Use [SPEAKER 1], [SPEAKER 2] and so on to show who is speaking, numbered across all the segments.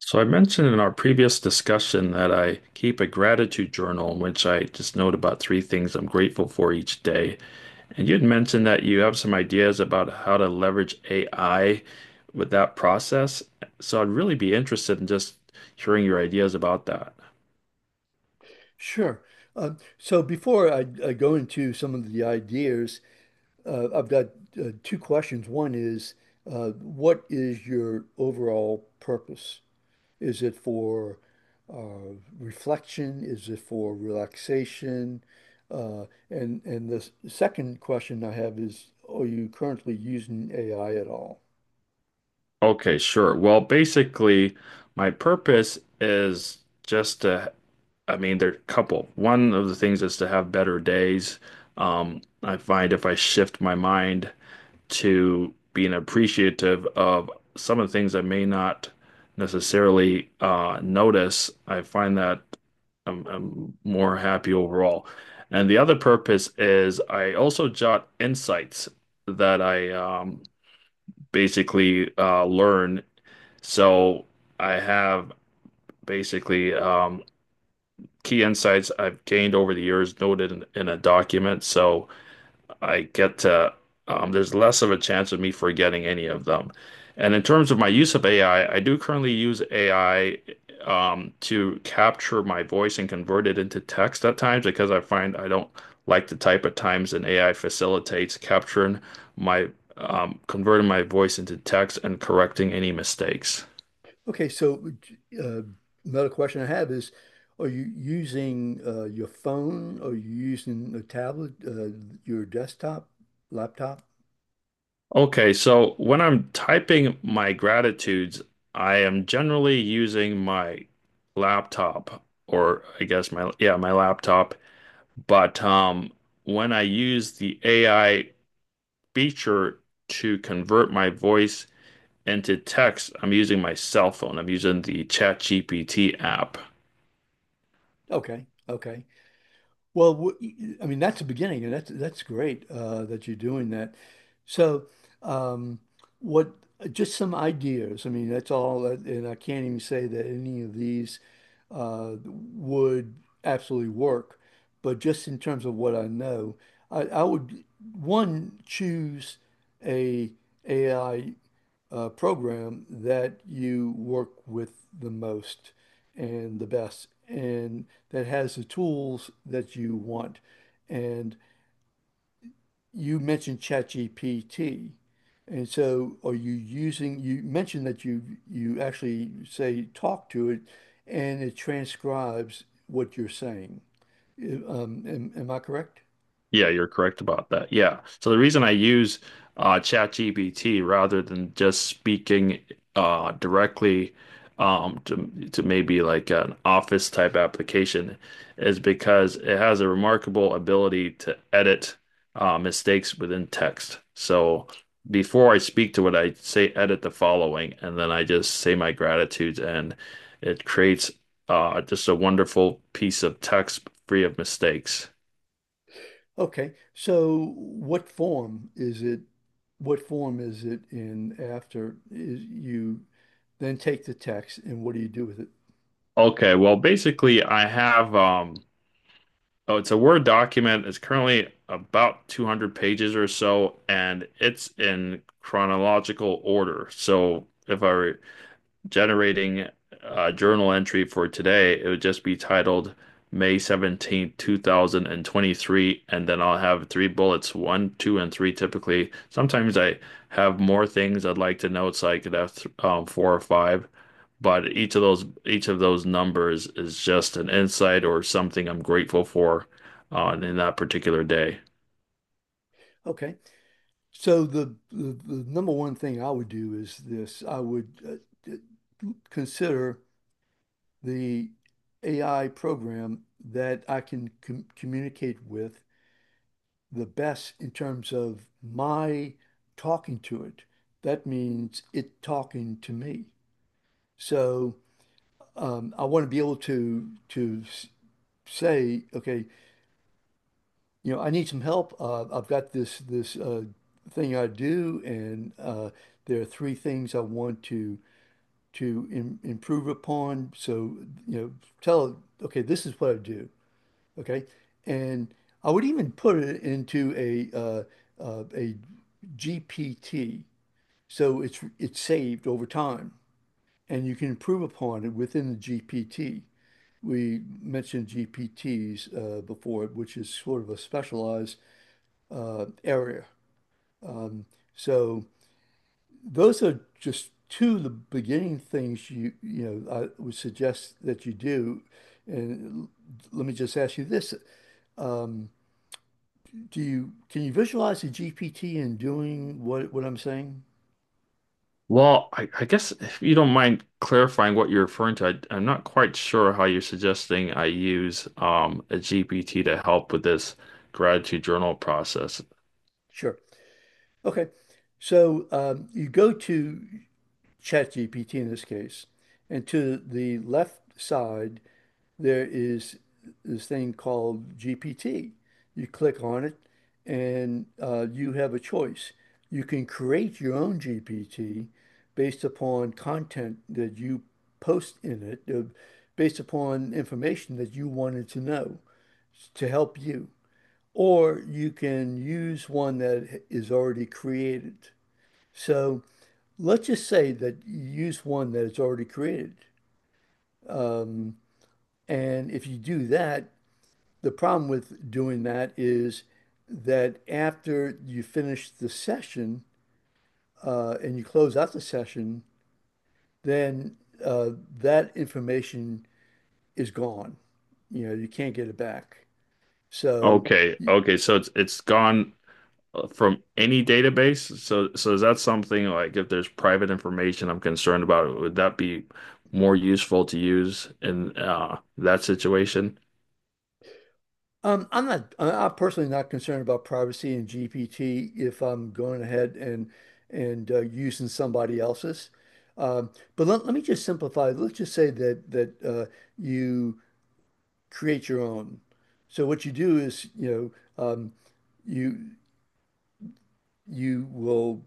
[SPEAKER 1] So I mentioned in our previous discussion that I keep a gratitude journal in which I just note about three things I'm grateful for each day. And you had mentioned that you have some ideas about how to leverage AI with that process. So I'd really be interested in just hearing your ideas about that.
[SPEAKER 2] Sure. So before I go into some of the ideas, I've got two questions. One is, what is your overall purpose? Is it for reflection? Is it for relaxation? Uh, and the second question I have is, are you currently using AI at all?
[SPEAKER 1] Okay, sure. Well, basically, my purpose is just to, I mean, there are a couple. One of the things is to have better days. I find if I shift my mind to being appreciative of some of the things I may not necessarily notice. I find that I'm more happy overall. And the other purpose is I also jot insights that I basically learn, so I have basically key insights I've gained over the years noted in a document. So I get to, there's less of a chance of me forgetting any of them. And in terms of my use of AI, I do currently use AI to capture my voice and convert it into text at times, because I find I don't like to type at times, and AI facilitates capturing my converting my voice into text and correcting any mistakes.
[SPEAKER 2] Okay, so uh, another question I have is, are you using your phone? Are you using a tablet, your desktop, laptop?
[SPEAKER 1] Okay, so when I'm typing my gratitudes, I am generally using my laptop, or I guess my, yeah, my laptop. But when I use the AI feature to convert my voice into text, I'm using my cell phone. I'm using the ChatGPT app.
[SPEAKER 2] Okay, okay. Well, I mean, that's the beginning, and that's great that you're doing that. So, um, what? Just some ideas. I mean, that's all, and I can't even say that any of these would absolutely work. But just in terms of what I know, I would one choose a AI program that you work with the most and the best, and that has the tools that you want. And you mentioned ChatGPT. And so are you using, you mentioned that you actually say talk to it and it transcribes what you're saying. Am I correct?
[SPEAKER 1] Yeah, you're correct about that. Yeah. So the reason I use ChatGPT rather than just speaking directly to maybe like an office type application is because it has a remarkable ability to edit mistakes within text. So before I speak to it, I say edit the following, and then I just say my gratitudes, and it creates just a wonderful piece of text free of mistakes.
[SPEAKER 2] Okay. So what form is it? What form is it in after is you then take the text and what do you do with it?
[SPEAKER 1] Okay, well, basically, I have oh, it's a Word document. It's currently about 200 pages or so, and it's in chronological order. So if I generating a journal entry for today, it would just be titled May 17th, 2023, and 23, and then I'll have three bullets, one, two, and three typically. Sometimes I have more things I'd like to note, so I could have th four or five, but each of those numbers is just an insight or something I'm grateful for on in that particular day.
[SPEAKER 2] Okay. So the number one thing I would do is this. I would d- consider the AI program that I can communicate with the best in terms of my talking to it. That means it talking to me. So I want to be able to say, okay, you know, I need some help. I've got this thing I do, and there are three things I want to im improve upon. So, you know, tell, it, okay, this is what I do, okay, and I would even put it into a GPT, so it's saved over time, and you can improve upon it within the GPT. We mentioned GPTs before, which is sort of a specialized area. So those are just two of the beginning things you know I would suggest that you do. And let me just ask you this: um, Do you can you visualize a GPT in doing what I'm saying?
[SPEAKER 1] Well, I guess if you don't mind clarifying what you're referring to, I am not quite sure how you're suggesting I use a GPT to help with this gratitude journal process.
[SPEAKER 2] Sure. Okay. So you go to ChatGPT in this case, and to the left side there is this thing called GPT. You click on it, and you have a choice. You can create your own GPT based upon content that you post in it, based upon information that you wanted to know to help you. Or you can use one that is already created. So let's just say that you use one that is already created. And if you do that, the problem with doing that is that after you finish the session and you close out the session, then uh, that information is gone. You know, you can't get it back. So
[SPEAKER 1] Okay, okay, so it's gone from any database. So so is that something like if there's private information I'm concerned about, would that be more useful to use in that situation?
[SPEAKER 2] I'm not, am personally not concerned about privacy in GPT if I'm going ahead and using somebody else's. Let me just simplify. Let's just say that you create your own. So what you do is, you know, you you will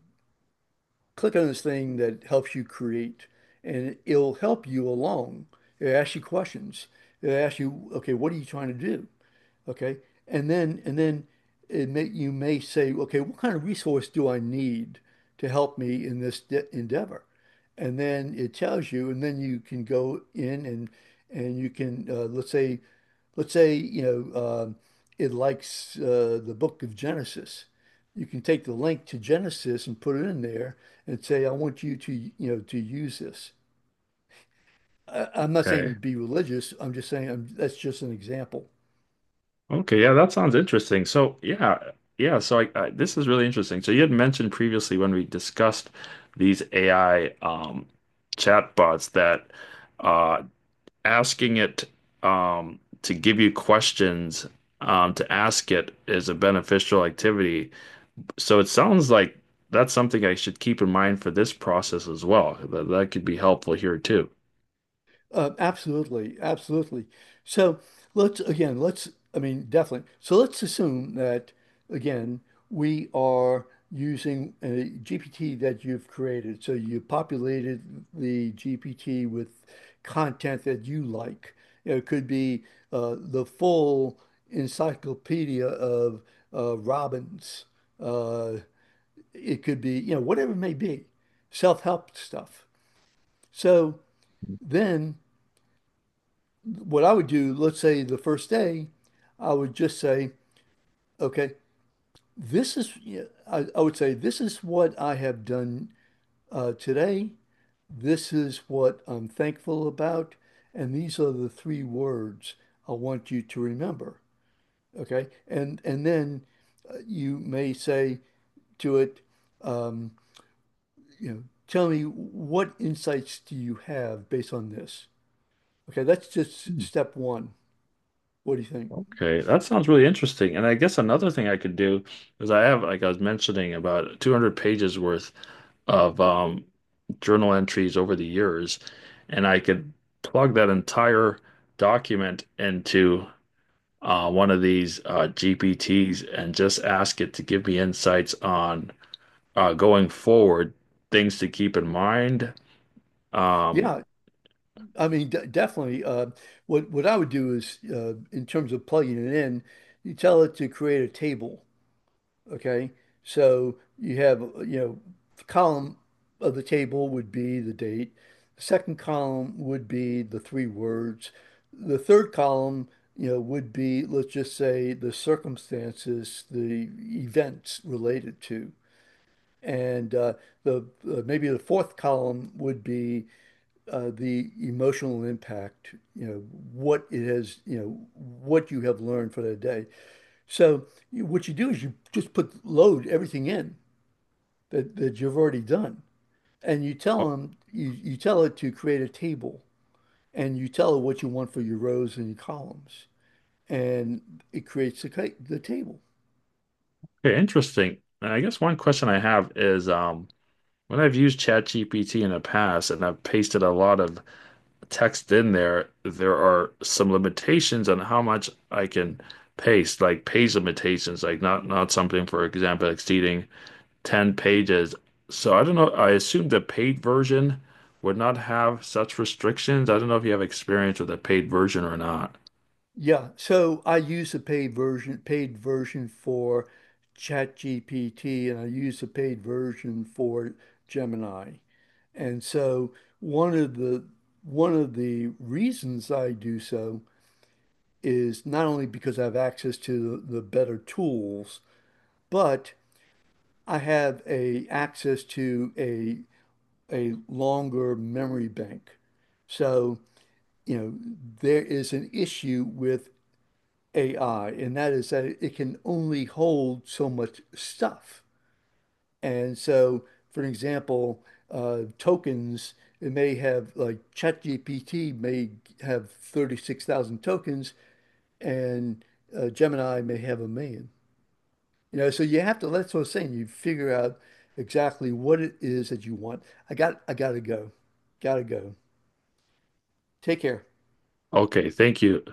[SPEAKER 2] click on this thing that helps you create, and it'll help you along. It asks you questions. It asks you, okay, what are you trying to do? Okay. And then it may you may say, okay, what kind of resource do I need to help me in this de endeavor? And then it tells you, and then you can go in and you can let's say you know it likes the book of Genesis. You can take the link to Genesis and put it in there and say, I want you to you know to use this. I'm not saying
[SPEAKER 1] Okay.
[SPEAKER 2] be religious. I'm just saying I that's just an example.
[SPEAKER 1] Okay, yeah, that sounds interesting. So, yeah, yeah. So, I this is really interesting. So, you had mentioned previously when we discussed these AI chatbots that uh, asking it to give you questions to ask it is a beneficial activity. So, it sounds like that's something I should keep in mind for this process as well. That could be helpful here too.
[SPEAKER 2] Absolutely, absolutely. So let's again, let's, I mean, definitely. So let's assume that again, we are using a GPT that you've created. So you populated the GPT with content that you like. You know, it could be the full encyclopedia of Robbins. Uh, it could be, you know, whatever it may be, self-help stuff. So then. What I would do, let's say the first day, I would just say, okay, this is, yeah, I would say, this is what I have done today. This is what I'm thankful about. And these are the three words I want you to remember. Okay. And then you may say to it, um, you know, tell me what insights do you have based on this? Okay. That's just step one. What do you think?
[SPEAKER 1] Okay, that sounds really interesting. And I guess another thing I could do is I have, like I was mentioning, about 200 pages worth of journal entries over the years, and I could plug that entire document into one of these GPTs and just ask it to give me insights on going forward, things to keep in mind. Um,
[SPEAKER 2] Yeah. I mean, de definitely. What I would do is, in terms of plugging it in, you tell it to create a table. Okay, so you have you know, the column of the table would be the date. The second column would be the three words. The third column, you know, would be let's just say the circumstances, the events related to, and the maybe the fourth column would be the emotional impact, you know, what it has, you know, what you have learned for that day. So you, what you do is you just put load everything in that you've already done. And you tell them, you tell it to create a table and you tell it what you want for your rows and your columns. And it creates the table.
[SPEAKER 1] okay, interesting. And I guess one question I have is, when I've used ChatGPT in the past and I've pasted a lot of text in there, there are some limitations on how much I can paste, like page limitations, like not something, for example, exceeding 10 pages. So I don't know, I assume the paid version would not have such restrictions. I don't know if you have experience with the paid version or not.
[SPEAKER 2] Yeah. So I use the paid version for ChatGPT and I use the paid version for Gemini. And so one of the one of the reasons I do so is not only because I have access to the better tools, but I have a access to a longer memory bank. So, you know, there is an issue with AI, and that is that it can only hold so much stuff. And so, for example, tokens, it may have like ChatGPT may have 36,000 tokens and Gemini may have a million. You know, so you have to, that's what I'm saying. You figure out exactly what it is that you want. I gotta go. Gotta go. Take care.
[SPEAKER 1] Okay, thank you.